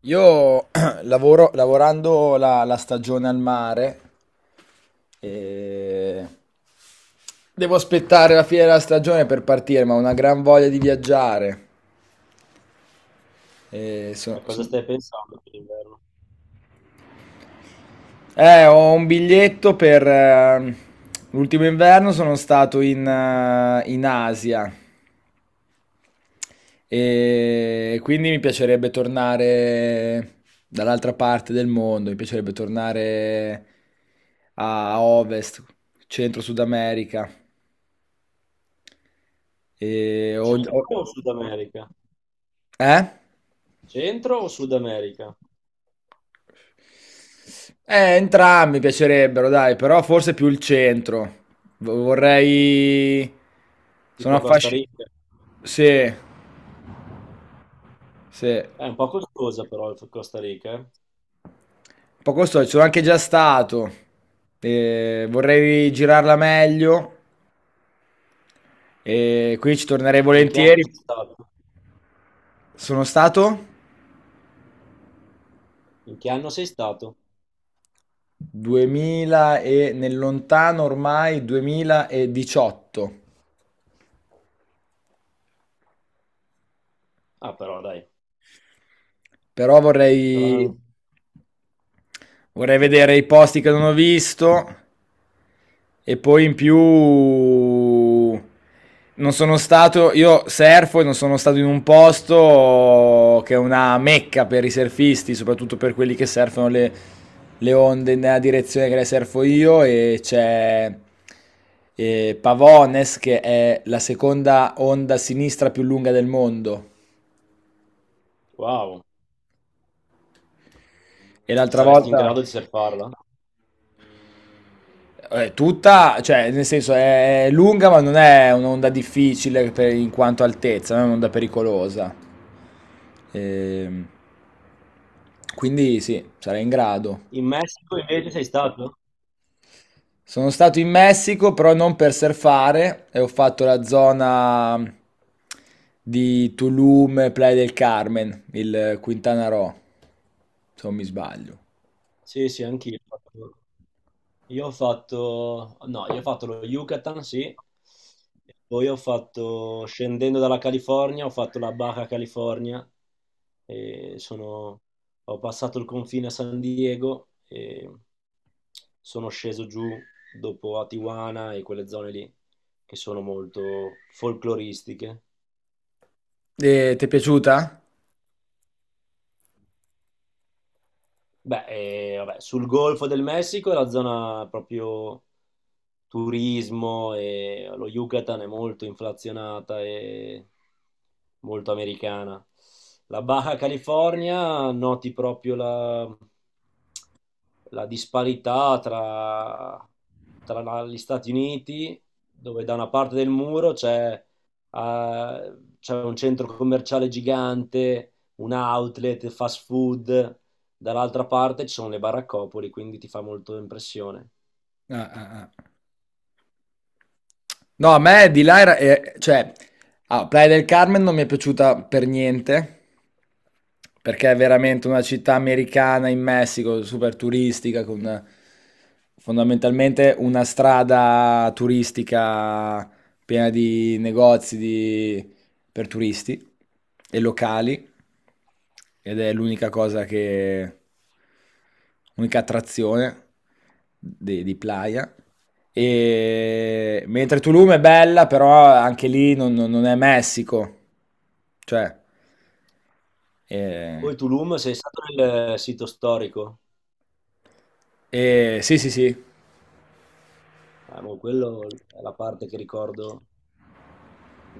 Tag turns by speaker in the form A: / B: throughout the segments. A: Io lavorando la stagione al mare, e devo aspettare la fine della stagione per partire, ma ho una gran voglia di viaggiare. E so-
B: A cosa
A: so-
B: stai pensando per l'inverno?
A: Ho un biglietto per l'ultimo inverno, sono stato in Asia. E quindi mi piacerebbe tornare dall'altra parte del mondo, mi piacerebbe tornare a Ovest, Centro-Sud America. E ho- ho-
B: Centro o Sud America?
A: eh?
B: Centro o Sud America?
A: Entrambi mi piacerebbero, dai, però forse più il centro. Vorrei. Sono
B: Tipo Costa
A: affascinato.
B: Rica?
A: Sì, sì. Un
B: È un po' costosa però il Costa Rica, eh.
A: po' costoso, ci sono anche già stato. E vorrei girarla meglio. E qui ci tornerei
B: In che anno sei
A: volentieri.
B: stato?
A: Sono stato
B: In che anno sei stato?
A: 2000 e nel lontano ormai 2018.
B: Ah, però dai,
A: Però
B: sarà
A: vorrei
B: un-
A: vorrei vedere i posti che non ho visto. E poi in più non sono stato, io surfo e non sono stato in un posto che è una mecca per i surfisti, soprattutto per quelli che surfano le onde nella direzione che le surfo io, e c'è Pavones, che è la seconda onda a sinistra più lunga del mondo.
B: Wow,
A: E l'altra
B: saresti in
A: volta.
B: grado di surfarla?
A: È tutta, cioè, nel senso è lunga, ma non è un'onda difficile in quanto altezza, non è un'onda pericolosa. Ehm, quindi sì, sarei in grado.
B: In Messico invece sei stato?
A: Sono stato in Messico, però non per surfare, e ho fatto la zona di Tulum, Playa del Carmen, il Quintana Roo, se non mi sbaglio.
B: Sì, sì, anch'io. Io ho fatto, no, io ho fatto lo Yucatan, sì, e poi ho fatto, scendendo dalla California, ho fatto la Baja California, e sono, ho passato il confine a San Diego e sono sceso giù dopo a Tijuana e quelle zone lì che sono molto folcloristiche.
A: E ti è piaciuta?
B: Beh, vabbè, sul Golfo del Messico è la zona proprio turismo e lo Yucatan è molto inflazionata e molto americana. La Baja California noti proprio la disparità tra gli Stati Uniti, dove da una parte del muro c'è eh, c'è un centro commerciale gigante, un outlet, fast food. Dall'altra parte ci sono le baraccopoli, quindi ti fa molto impressione.
A: Ah, ah, ah. No, a me di là era, cioè, ah, Playa del Carmen non mi è piaciuta per niente, perché è veramente una città americana in Messico, super turistica, con fondamentalmente una strada turistica piena di negozi di- per turisti e locali. Ed è l'unica cosa che. L'unica attrazione di Playa. E mentre Tulum è bella, però anche lì non è Messico. Cioè. eh,
B: Poi Tulum, sei stato nel sito storico?
A: eh, sì, sì, sì.
B: Boh, quello è la parte che ricordo,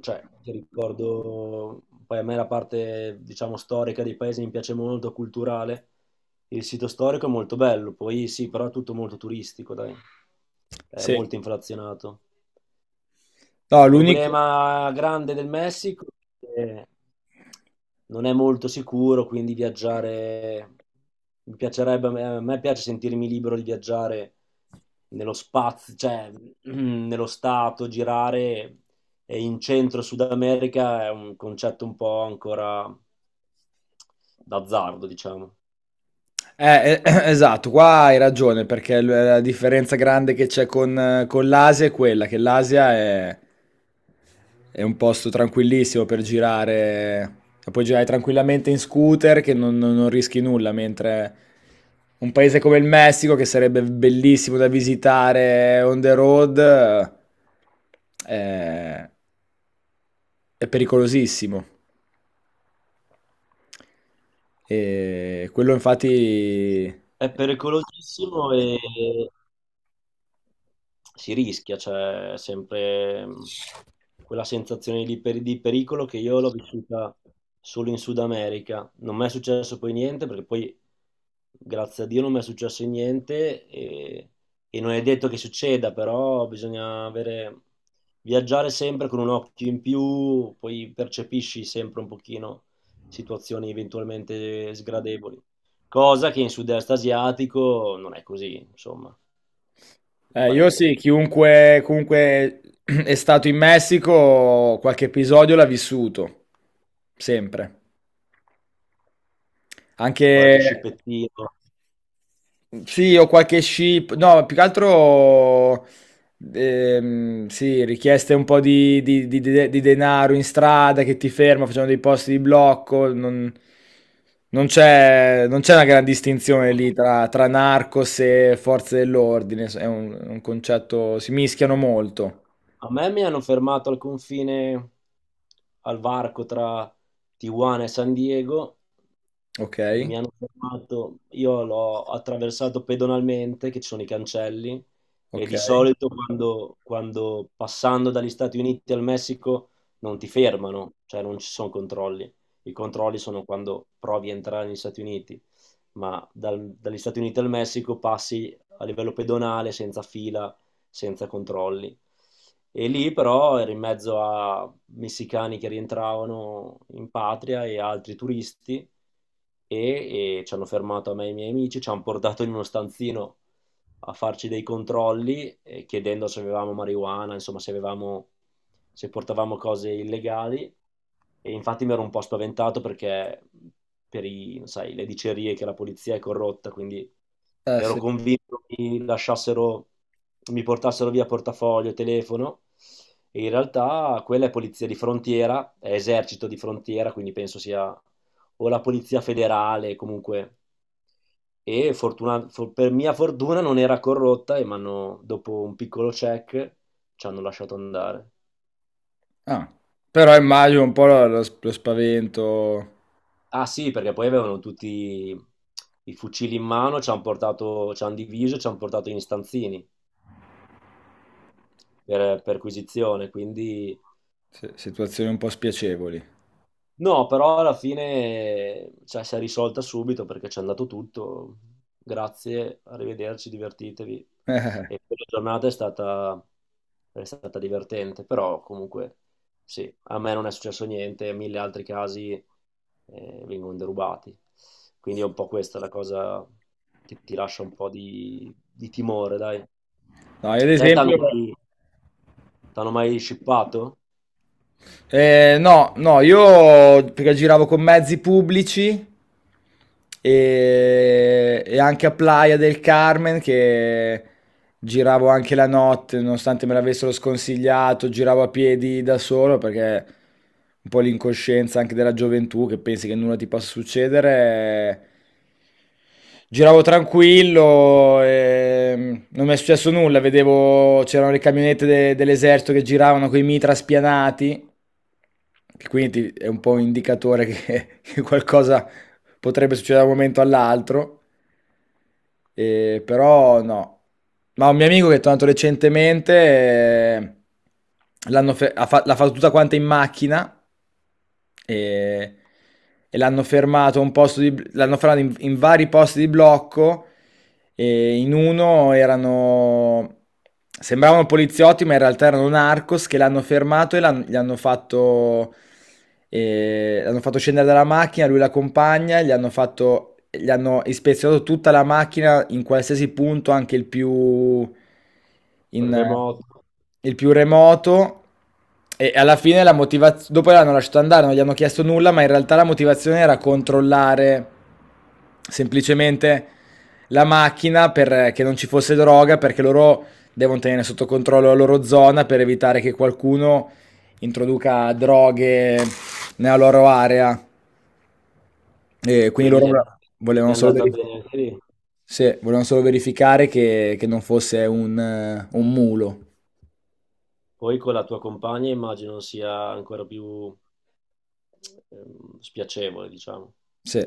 B: cioè che ricordo, poi a me la parte, diciamo, storica dei paesi mi piace molto, culturale. Il sito storico è molto bello, poi sì, però è tutto molto turistico, dai, è
A: Sì.
B: molto inflazionato.
A: No,
B: Il
A: l'unico.
B: problema grande del Messico è che non è molto sicuro, quindi viaggiare mi piacerebbe, a me piace sentirmi libero di viaggiare nello spazio, cioè nello stato, girare e in centro Sud America è un concetto un po' ancora d'azzardo, diciamo.
A: Eh, eh, esatto, qua hai ragione, perché la differenza grande che c'è con l'Asia è quella, che l'Asia è un posto tranquillissimo per girare, e puoi girare tranquillamente in scooter che non rischi nulla, mentre un paese come il Messico, che sarebbe bellissimo da visitare on the road, eh, è pericolosissimo. E quello infatti.
B: È pericolosissimo e si rischia, c'è sempre quella sensazione di, di pericolo che io l'ho vissuta solo in Sud America. Non mi è successo poi niente, perché poi, grazie a Dio, non mi è successo niente e non è detto che succeda, però bisogna avere, viaggiare sempre con un occhio in più, poi percepisci sempre un pochino situazioni eventualmente sgradevoli. Cosa che in sud-est asiatico non è così, insomma, è
A: Io
B: palese.
A: sì, chiunque comunque è stato in Messico, qualche episodio l'ha vissuto, sempre. Anche.
B: Qualche scippettino.
A: Sì, ho qualche ship, no, più che altro, sì, richieste un po' di denaro in strada che ti ferma, facciamo dei posti di blocco, non c'è una gran distinzione lì tra narcos e forze dell'ordine, s è un concetto, si mischiano molto.
B: A me mi hanno fermato al confine, al varco tra Tijuana e San Diego e
A: Okay,
B: mi hanno fermato. Io l'ho attraversato pedonalmente, che ci sono i cancelli, e di
A: okay.
B: solito quando passando dagli Stati Uniti al Messico non ti fermano, cioè non ci sono controlli. I controlli sono quando provi a entrare negli Stati Uniti, ma dagli Stati Uniti al Messico passi a livello pedonale, senza fila, senza controlli. E lì però ero in mezzo a messicani che rientravano in patria e altri turisti e ci hanno fermato a me e ai miei amici, ci hanno portato in uno stanzino a farci dei controlli chiedendo se avevamo marijuana, insomma se avevamo, se portavamo cose illegali e infatti mi ero un po' spaventato perché per sai, le dicerie che la polizia è corrotta, quindi
A: Eh
B: ero
A: sì.
B: convinto che mi lasciassero, mi portassero via portafoglio, telefono e in realtà quella è polizia di frontiera, è esercito di frontiera, quindi penso sia o la polizia federale comunque. E per mia fortuna non era corrotta e dopo un piccolo check ci hanno lasciato andare.
A: Ah. Però immagino un po' lo spavento.
B: Ah sì, perché poi avevano tutti i fucili in mano, ci hanno portato, ci hanno diviso, ci hanno portato in stanzini per perquisizione, quindi
A: Sì, situazioni un po' spiacevoli.
B: no, però alla fine, cioè, si è risolta subito perché c'è andato tutto. Grazie, arrivederci, divertitevi. E la giornata è stata divertente, però comunque sì, a me non è successo niente, mille altri casi vengono derubati. Quindi è un po' questa la cosa che ti lascia un po' di timore, dai.
A: No, io ad
B: Te
A: esempio.
B: t'hanno mai shippato?
A: No, no, io perché giravo con mezzi pubblici, e anche a Playa del Carmen, che giravo anche la notte, nonostante me l'avessero sconsigliato, giravo a piedi da solo perché un po' l'incoscienza anche della gioventù che pensi che nulla ti possa succedere. Giravo tranquillo, e non mi è successo nulla, vedevo c'erano le camionette dell'esercito che giravano con i mitra spianati che quindi ti- è un po' un indicatore che, che qualcosa potrebbe succedere da un momento all'altro. Però no. Ma un mio amico che è tornato recentemente, l'hanno fe- ha fa- l'ha fatto tutta quanta in macchina eh, e, l'hanno fermato in vari posti di blocco, e in uno erano. Sembravano poliziotti, ma in realtà erano narcos che l'hanno fermato e l'hanno fatto scendere dalla macchina, lui la compagna, gli hanno ispezionato tutta la macchina in qualsiasi punto, anche il più, in-
B: Remoto?
A: il più remoto. E alla fine la motivazione, dopo l'hanno lasciato andare, non gli hanno chiesto nulla, ma in realtà la motivazione era controllare semplicemente la macchina perché non ci fosse droga, perché loro devono tenere sotto controllo la loro zona per evitare che qualcuno introduca droghe nella loro area. E
B: E
A: quindi
B: quindi
A: loro
B: gli è andata bene anche lì.
A: volevano solo verificare che non fosse un mulo.
B: Poi con la tua compagna immagino sia ancora più spiacevole, diciamo.
A: Sì.